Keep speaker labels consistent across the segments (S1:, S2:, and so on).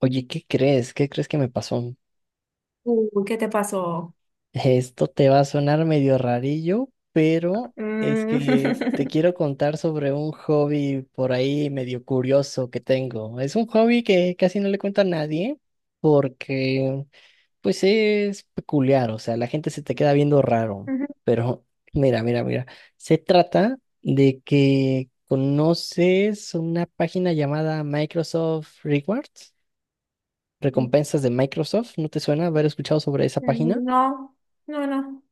S1: Oye, ¿qué crees? ¿Qué crees que me pasó?
S2: Uy, ¿qué te pasó?
S1: Esto te va a sonar medio rarillo, pero es
S2: Mm,
S1: que te quiero contar sobre un hobby por ahí medio curioso que tengo. Es un hobby que casi no le cuento a nadie porque pues es peculiar, o sea, la gente se te queda viendo raro,
S2: ujú.
S1: pero mira, mira, mira. Se trata de que conoces una página llamada Microsoft Rewards. Recompensas de Microsoft, ¿no te suena haber escuchado sobre esa página?
S2: No, no, no.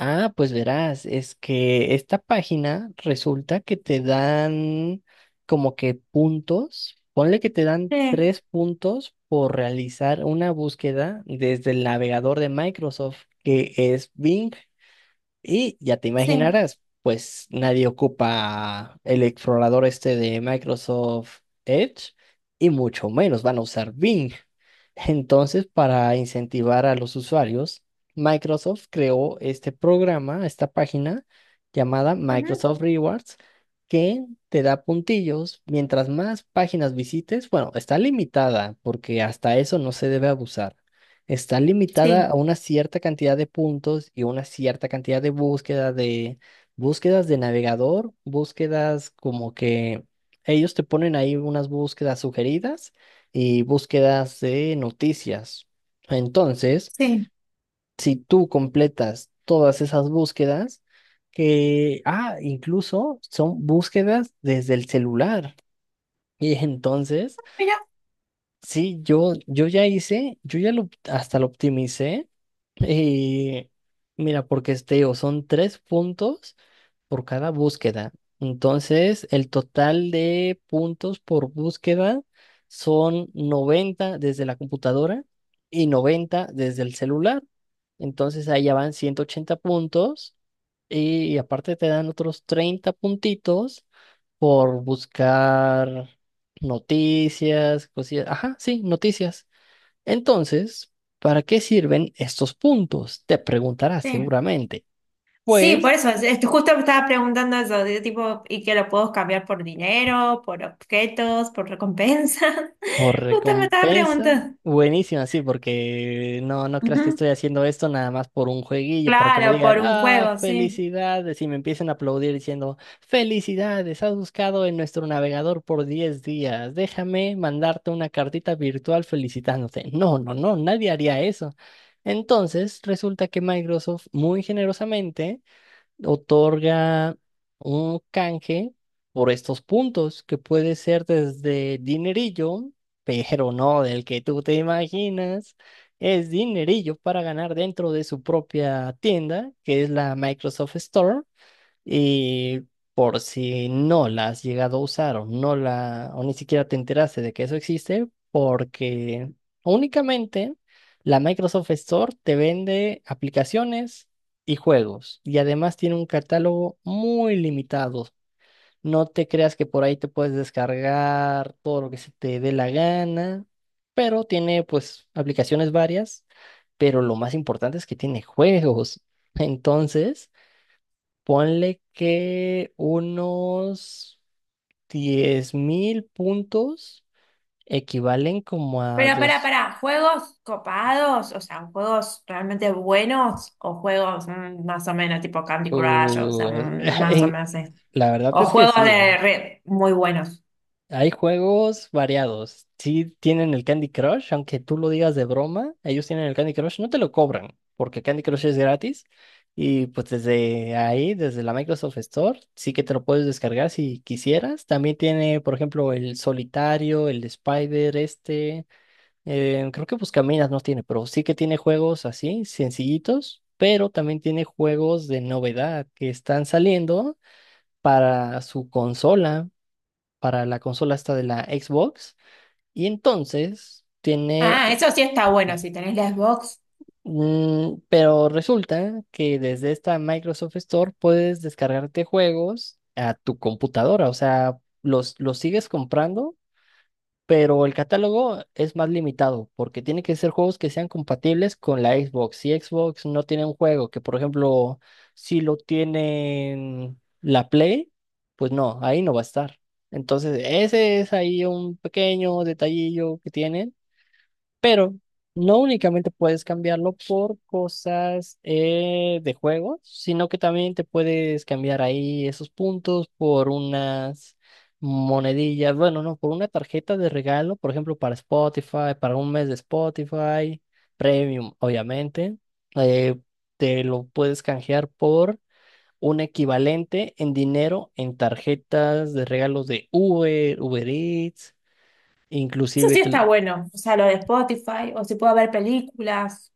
S1: Ah, pues verás, es que esta página resulta que te dan como que puntos, ponle que te dan
S2: Sí,
S1: tres puntos por realizar una búsqueda desde el navegador de Microsoft, que es Bing. Y ya te
S2: sí.
S1: imaginarás, pues nadie ocupa el explorador este de Microsoft Edge y mucho menos van a usar Bing. Entonces, para incentivar a los usuarios, Microsoft creó este programa, esta página llamada
S2: Ujú,
S1: Microsoft Rewards, que te da puntillos. Mientras más páginas visites, bueno, está limitada porque hasta eso no se debe abusar. Está
S2: sí,
S1: limitada a una cierta cantidad de puntos y una cierta cantidad de búsqueda de búsquedas de navegador, búsquedas como que ellos te ponen ahí unas búsquedas sugeridas y búsquedas de noticias. Entonces,
S2: sí.
S1: si tú completas todas esas búsquedas, que, ah, incluso son búsquedas desde el celular. Y entonces,
S2: Mira,
S1: sí, yo hasta lo optimicé y mira, porque este, digo, son tres puntos por cada búsqueda. Entonces, el total de puntos por búsqueda son 90 desde la computadora y 90 desde el celular. Entonces, ahí ya van 180 puntos y aparte te dan otros 30 puntitos por buscar noticias, cosillas. Ajá, sí, noticias. Entonces, ¿para qué sirven estos puntos? Te preguntarás
S2: sí.
S1: seguramente.
S2: Sí, por
S1: Pues,
S2: eso, justo me estaba preguntando eso, de tipo, ¿y que lo puedo cambiar por dinero, por objetos, por recompensas?
S1: por
S2: Justo me estaba
S1: recompensa.
S2: preguntando.
S1: Buenísimo, sí, porque no, no creas que
S2: Ujú.
S1: estoy haciendo esto nada más por un jueguillo, para que me
S2: Claro, por
S1: digan,
S2: un
S1: ah,
S2: juego, sí.
S1: felicidades, y me empiecen a aplaudir diciendo, felicidades, has buscado en nuestro navegador por 10 días, déjame mandarte una cartita virtual felicitándote. No, no, no, nadie haría eso. Entonces, resulta que Microsoft muy generosamente otorga un canje por estos puntos, que puede ser desde dinerillo, pero no del que tú te imaginas. Es dinerillo para ganar dentro de su propia tienda, que es la Microsoft Store. Y por si no la has llegado a usar o no la, o ni siquiera te enteraste de que eso existe, porque únicamente la Microsoft Store te vende aplicaciones y juegos. Y además tiene un catálogo muy limitado. No te creas que por ahí te puedes descargar todo lo que se te dé la gana, pero tiene pues aplicaciones varias, pero lo más importante es que tiene juegos. Entonces... Ponle que unos 10.000 puntos equivalen como a
S2: Pero pará,
S1: dos.
S2: pará, ¿juegos copados? O sea, ¿juegos realmente buenos? ¿O juegos mm, más o menos tipo Candy Crush? O sea,
S1: uh,
S2: mm, más o
S1: en-
S2: menos.
S1: la verdad
S2: O
S1: es que
S2: juegos
S1: sí. ¿Eh?
S2: de red muy buenos.
S1: Hay juegos variados. Sí tienen el Candy Crush, aunque tú lo digas de broma, ellos tienen el Candy Crush, no te lo cobran, porque Candy Crush es gratis. Y pues desde ahí, desde la Microsoft Store, sí que te lo puedes descargar si quisieras. También tiene, por ejemplo, el Solitario, el Spider, este. Creo que Buscaminas no tiene, pero sí que tiene juegos así, sencillitos, pero también tiene juegos de novedad que están saliendo para su consola, para la consola esta de la Xbox. Y entonces tiene,
S2: Ah, eso sí está bueno, si tenés la Xbox.
S1: pero resulta que desde esta Microsoft Store puedes descargarte juegos a tu computadora, o sea, los sigues comprando pero el catálogo es más limitado porque tiene que ser juegos que sean compatibles con la Xbox. Si Xbox no tiene un juego que, por ejemplo, si lo tienen la Play, pues no, ahí no va a estar. Entonces, ese es ahí un pequeño detallillo que tienen pero no únicamente puedes cambiarlo por cosas de juegos, sino que también te puedes cambiar ahí esos puntos por unas monedillas, bueno, no, por una tarjeta de regalo, por ejemplo, para Spotify, para un mes de Spotify, Premium, obviamente, eh, te lo puedes canjear por un equivalente en dinero en tarjetas de regalos de Uber, Uber Eats.
S2: Eso
S1: Inclusive
S2: sí está
S1: te-
S2: bueno. O sea, lo de Spotify, o si puedo ver películas,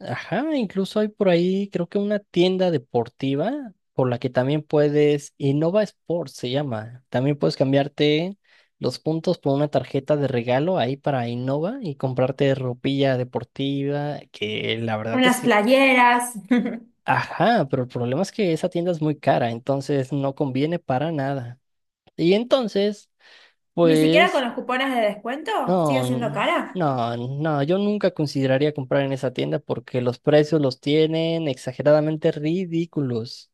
S1: Ajá, incluso hay por ahí, creo que una tienda deportiva por la que también puedes, Innova Sports se llama, también puedes cambiarte los puntos por una tarjeta de regalo ahí para Innova y comprarte ropilla deportiva, que la verdad es
S2: unas
S1: que,
S2: playeras.
S1: ajá, pero el problema es que esa tienda es muy cara, entonces no conviene para nada. Y entonces,
S2: Ni siquiera con
S1: pues...
S2: los cupones de descuento sigue
S1: No,
S2: siendo cara.
S1: no, no, yo nunca consideraría comprar en esa tienda porque los precios los tienen exageradamente ridículos.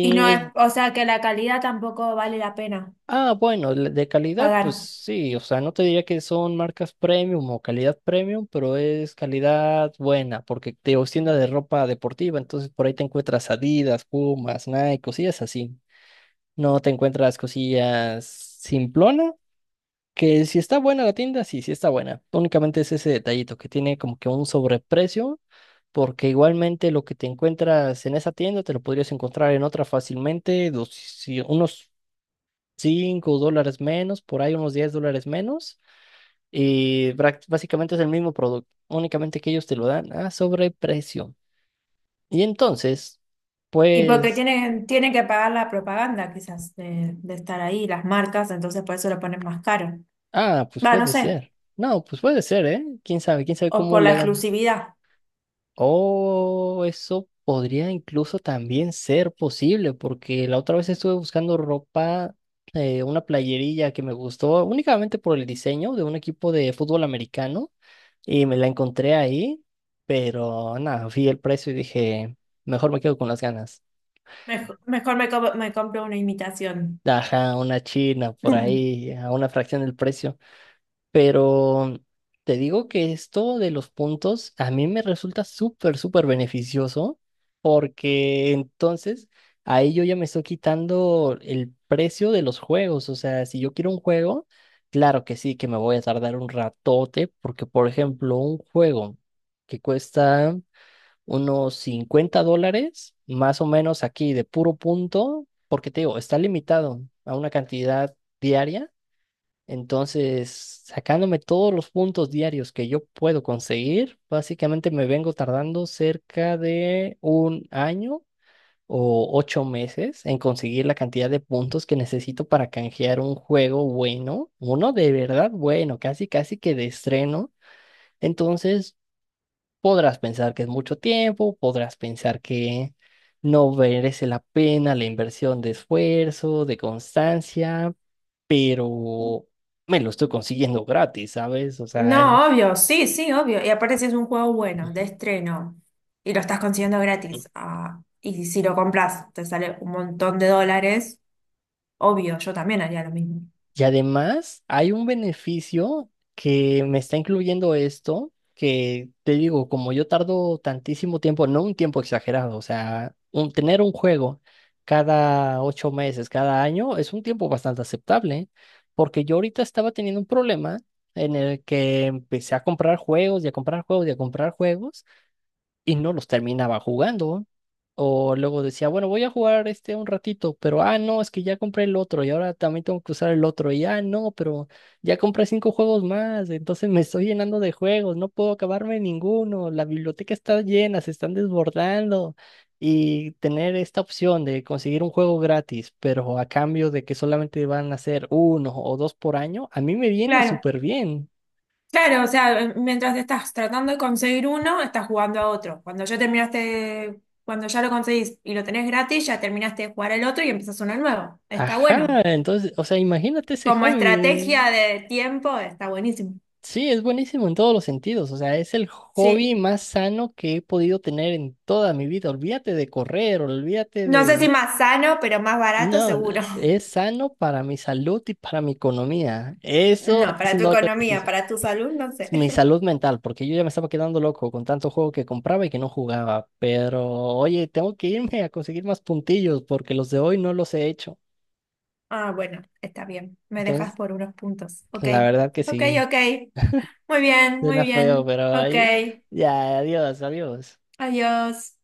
S2: Y no es, o sea, que la calidad tampoco vale la pena
S1: ah, bueno, de calidad, pues
S2: pagar.
S1: sí, o sea, no te diría que son marcas premium o calidad premium, pero es calidad buena porque te digo, es tienda de ropa deportiva, entonces por ahí te encuentras Adidas, Pumas, Nike, cosillas así. No te encuentras cosillas simplonas. Que si está buena la tienda, sí, sí está buena. Únicamente es ese detallito que tiene como que un sobreprecio, porque igualmente lo que te encuentras en esa tienda te lo podrías encontrar en otra fácilmente, unos 5 dólares menos, por ahí unos 10 dólares menos, y básicamente es el mismo producto, únicamente que ellos te lo dan a sobreprecio. Y entonces,
S2: Y porque
S1: pues,
S2: tienen, tienen que pagar la propaganda, quizás, de estar ahí, las marcas, entonces por eso lo ponen más caro.
S1: ah, pues
S2: Va, no
S1: puede
S2: sé.
S1: ser. No, pues puede ser, ¿eh? ¿Quién sabe? ¿Quién sabe
S2: O
S1: cómo
S2: por la
S1: le hagan?
S2: exclusividad.
S1: Oh, eso podría incluso también ser posible, porque la otra vez estuve buscando ropa, una playerilla que me gustó únicamente por el diseño de un equipo de fútbol americano y me la encontré ahí, pero nada, vi el precio y dije, mejor me quedo con las ganas.
S2: Mejor, me compro una imitación.
S1: Ajá, una china por ahí, a una fracción del precio. Pero te digo que esto de los puntos a mí me resulta súper, súper beneficioso porque entonces ahí yo ya me estoy quitando el precio de los juegos. O sea, si yo quiero un juego, claro que sí, que me voy a tardar un ratote porque, por ejemplo, un juego que cuesta unos 50 dólares, más o menos aquí de puro punto, porque te digo, está limitado a una cantidad diaria. Entonces, sacándome todos los puntos diarios que yo puedo conseguir, básicamente me vengo tardando cerca de un año o 8 meses en conseguir la cantidad de puntos que necesito para canjear un juego bueno, uno de verdad bueno, casi casi que de estreno. Entonces, podrás pensar que es mucho tiempo, podrás pensar que no merece la pena la inversión de esfuerzo, de constancia pero me lo estoy consiguiendo gratis, ¿sabes? O sea, es-
S2: No, obvio, sí, sí, obvio. Y aparte si es un juego bueno, de estreno, y lo estás consiguiendo gratis, ah, y si lo compras te sale un montón de dólares, obvio, yo también haría lo mismo.
S1: y además hay un beneficio que me está incluyendo esto, que te digo, como yo tardo tantísimo tiempo, no un tiempo exagerado, o sea, tener un juego cada 8 meses, cada año, es un tiempo bastante aceptable, porque yo ahorita estaba teniendo un problema en el que empecé a comprar juegos y a comprar juegos y a comprar juegos. Y no los terminaba jugando. O luego decía, bueno, voy a jugar este un ratito, pero ah, no, es que ya compré el otro y ahora también tengo que usar el otro. Y ah, no, pero ya compré cinco juegos más, entonces me estoy llenando de juegos, no puedo acabarme ninguno. La biblioteca está llena, se están desbordando. Y tener esta opción de conseguir un juego gratis, pero a cambio de que solamente van a ser uno o dos por año, a mí me viene
S2: Claro.
S1: súper bien.
S2: Claro, o sea, mientras estás tratando de conseguir uno, estás jugando a otro. Cuando ya terminaste, cuando ya lo conseguís y lo tenés gratis, ya terminaste de jugar al otro y empezás uno nuevo. Está bueno.
S1: Ajá, entonces, o sea, imagínate ese
S2: Como
S1: hobby.
S2: estrategia de tiempo, está buenísimo.
S1: Sí, es buenísimo en todos los sentidos. O sea, es el
S2: Sí.
S1: hobby más sano que he podido tener en toda mi vida. Olvídate de correr, olvídate
S2: No sé si
S1: de...
S2: más sano, pero más barato
S1: No,
S2: seguro.
S1: es sano para mi salud y para mi economía. Eso
S2: No,
S1: es
S2: para
S1: un
S2: tu
S1: doble
S2: economía,
S1: beneficio.
S2: para tu salud, no sé.
S1: Es mi salud mental, porque yo ya me estaba quedando loco con tanto juego que compraba y que no jugaba. Pero, oye, tengo que irme a conseguir más puntillos porque los de hoy no los he hecho.
S2: Ah, bueno, está bien. Me dejas
S1: Entonces,
S2: por unos puntos. Ok,
S1: la verdad que
S2: ok,
S1: sí,
S2: ok. Muy bien, muy
S1: suena feo,
S2: bien.
S1: pero
S2: Ok.
S1: ahí... Ya, adiós, adiós.
S2: Adiós.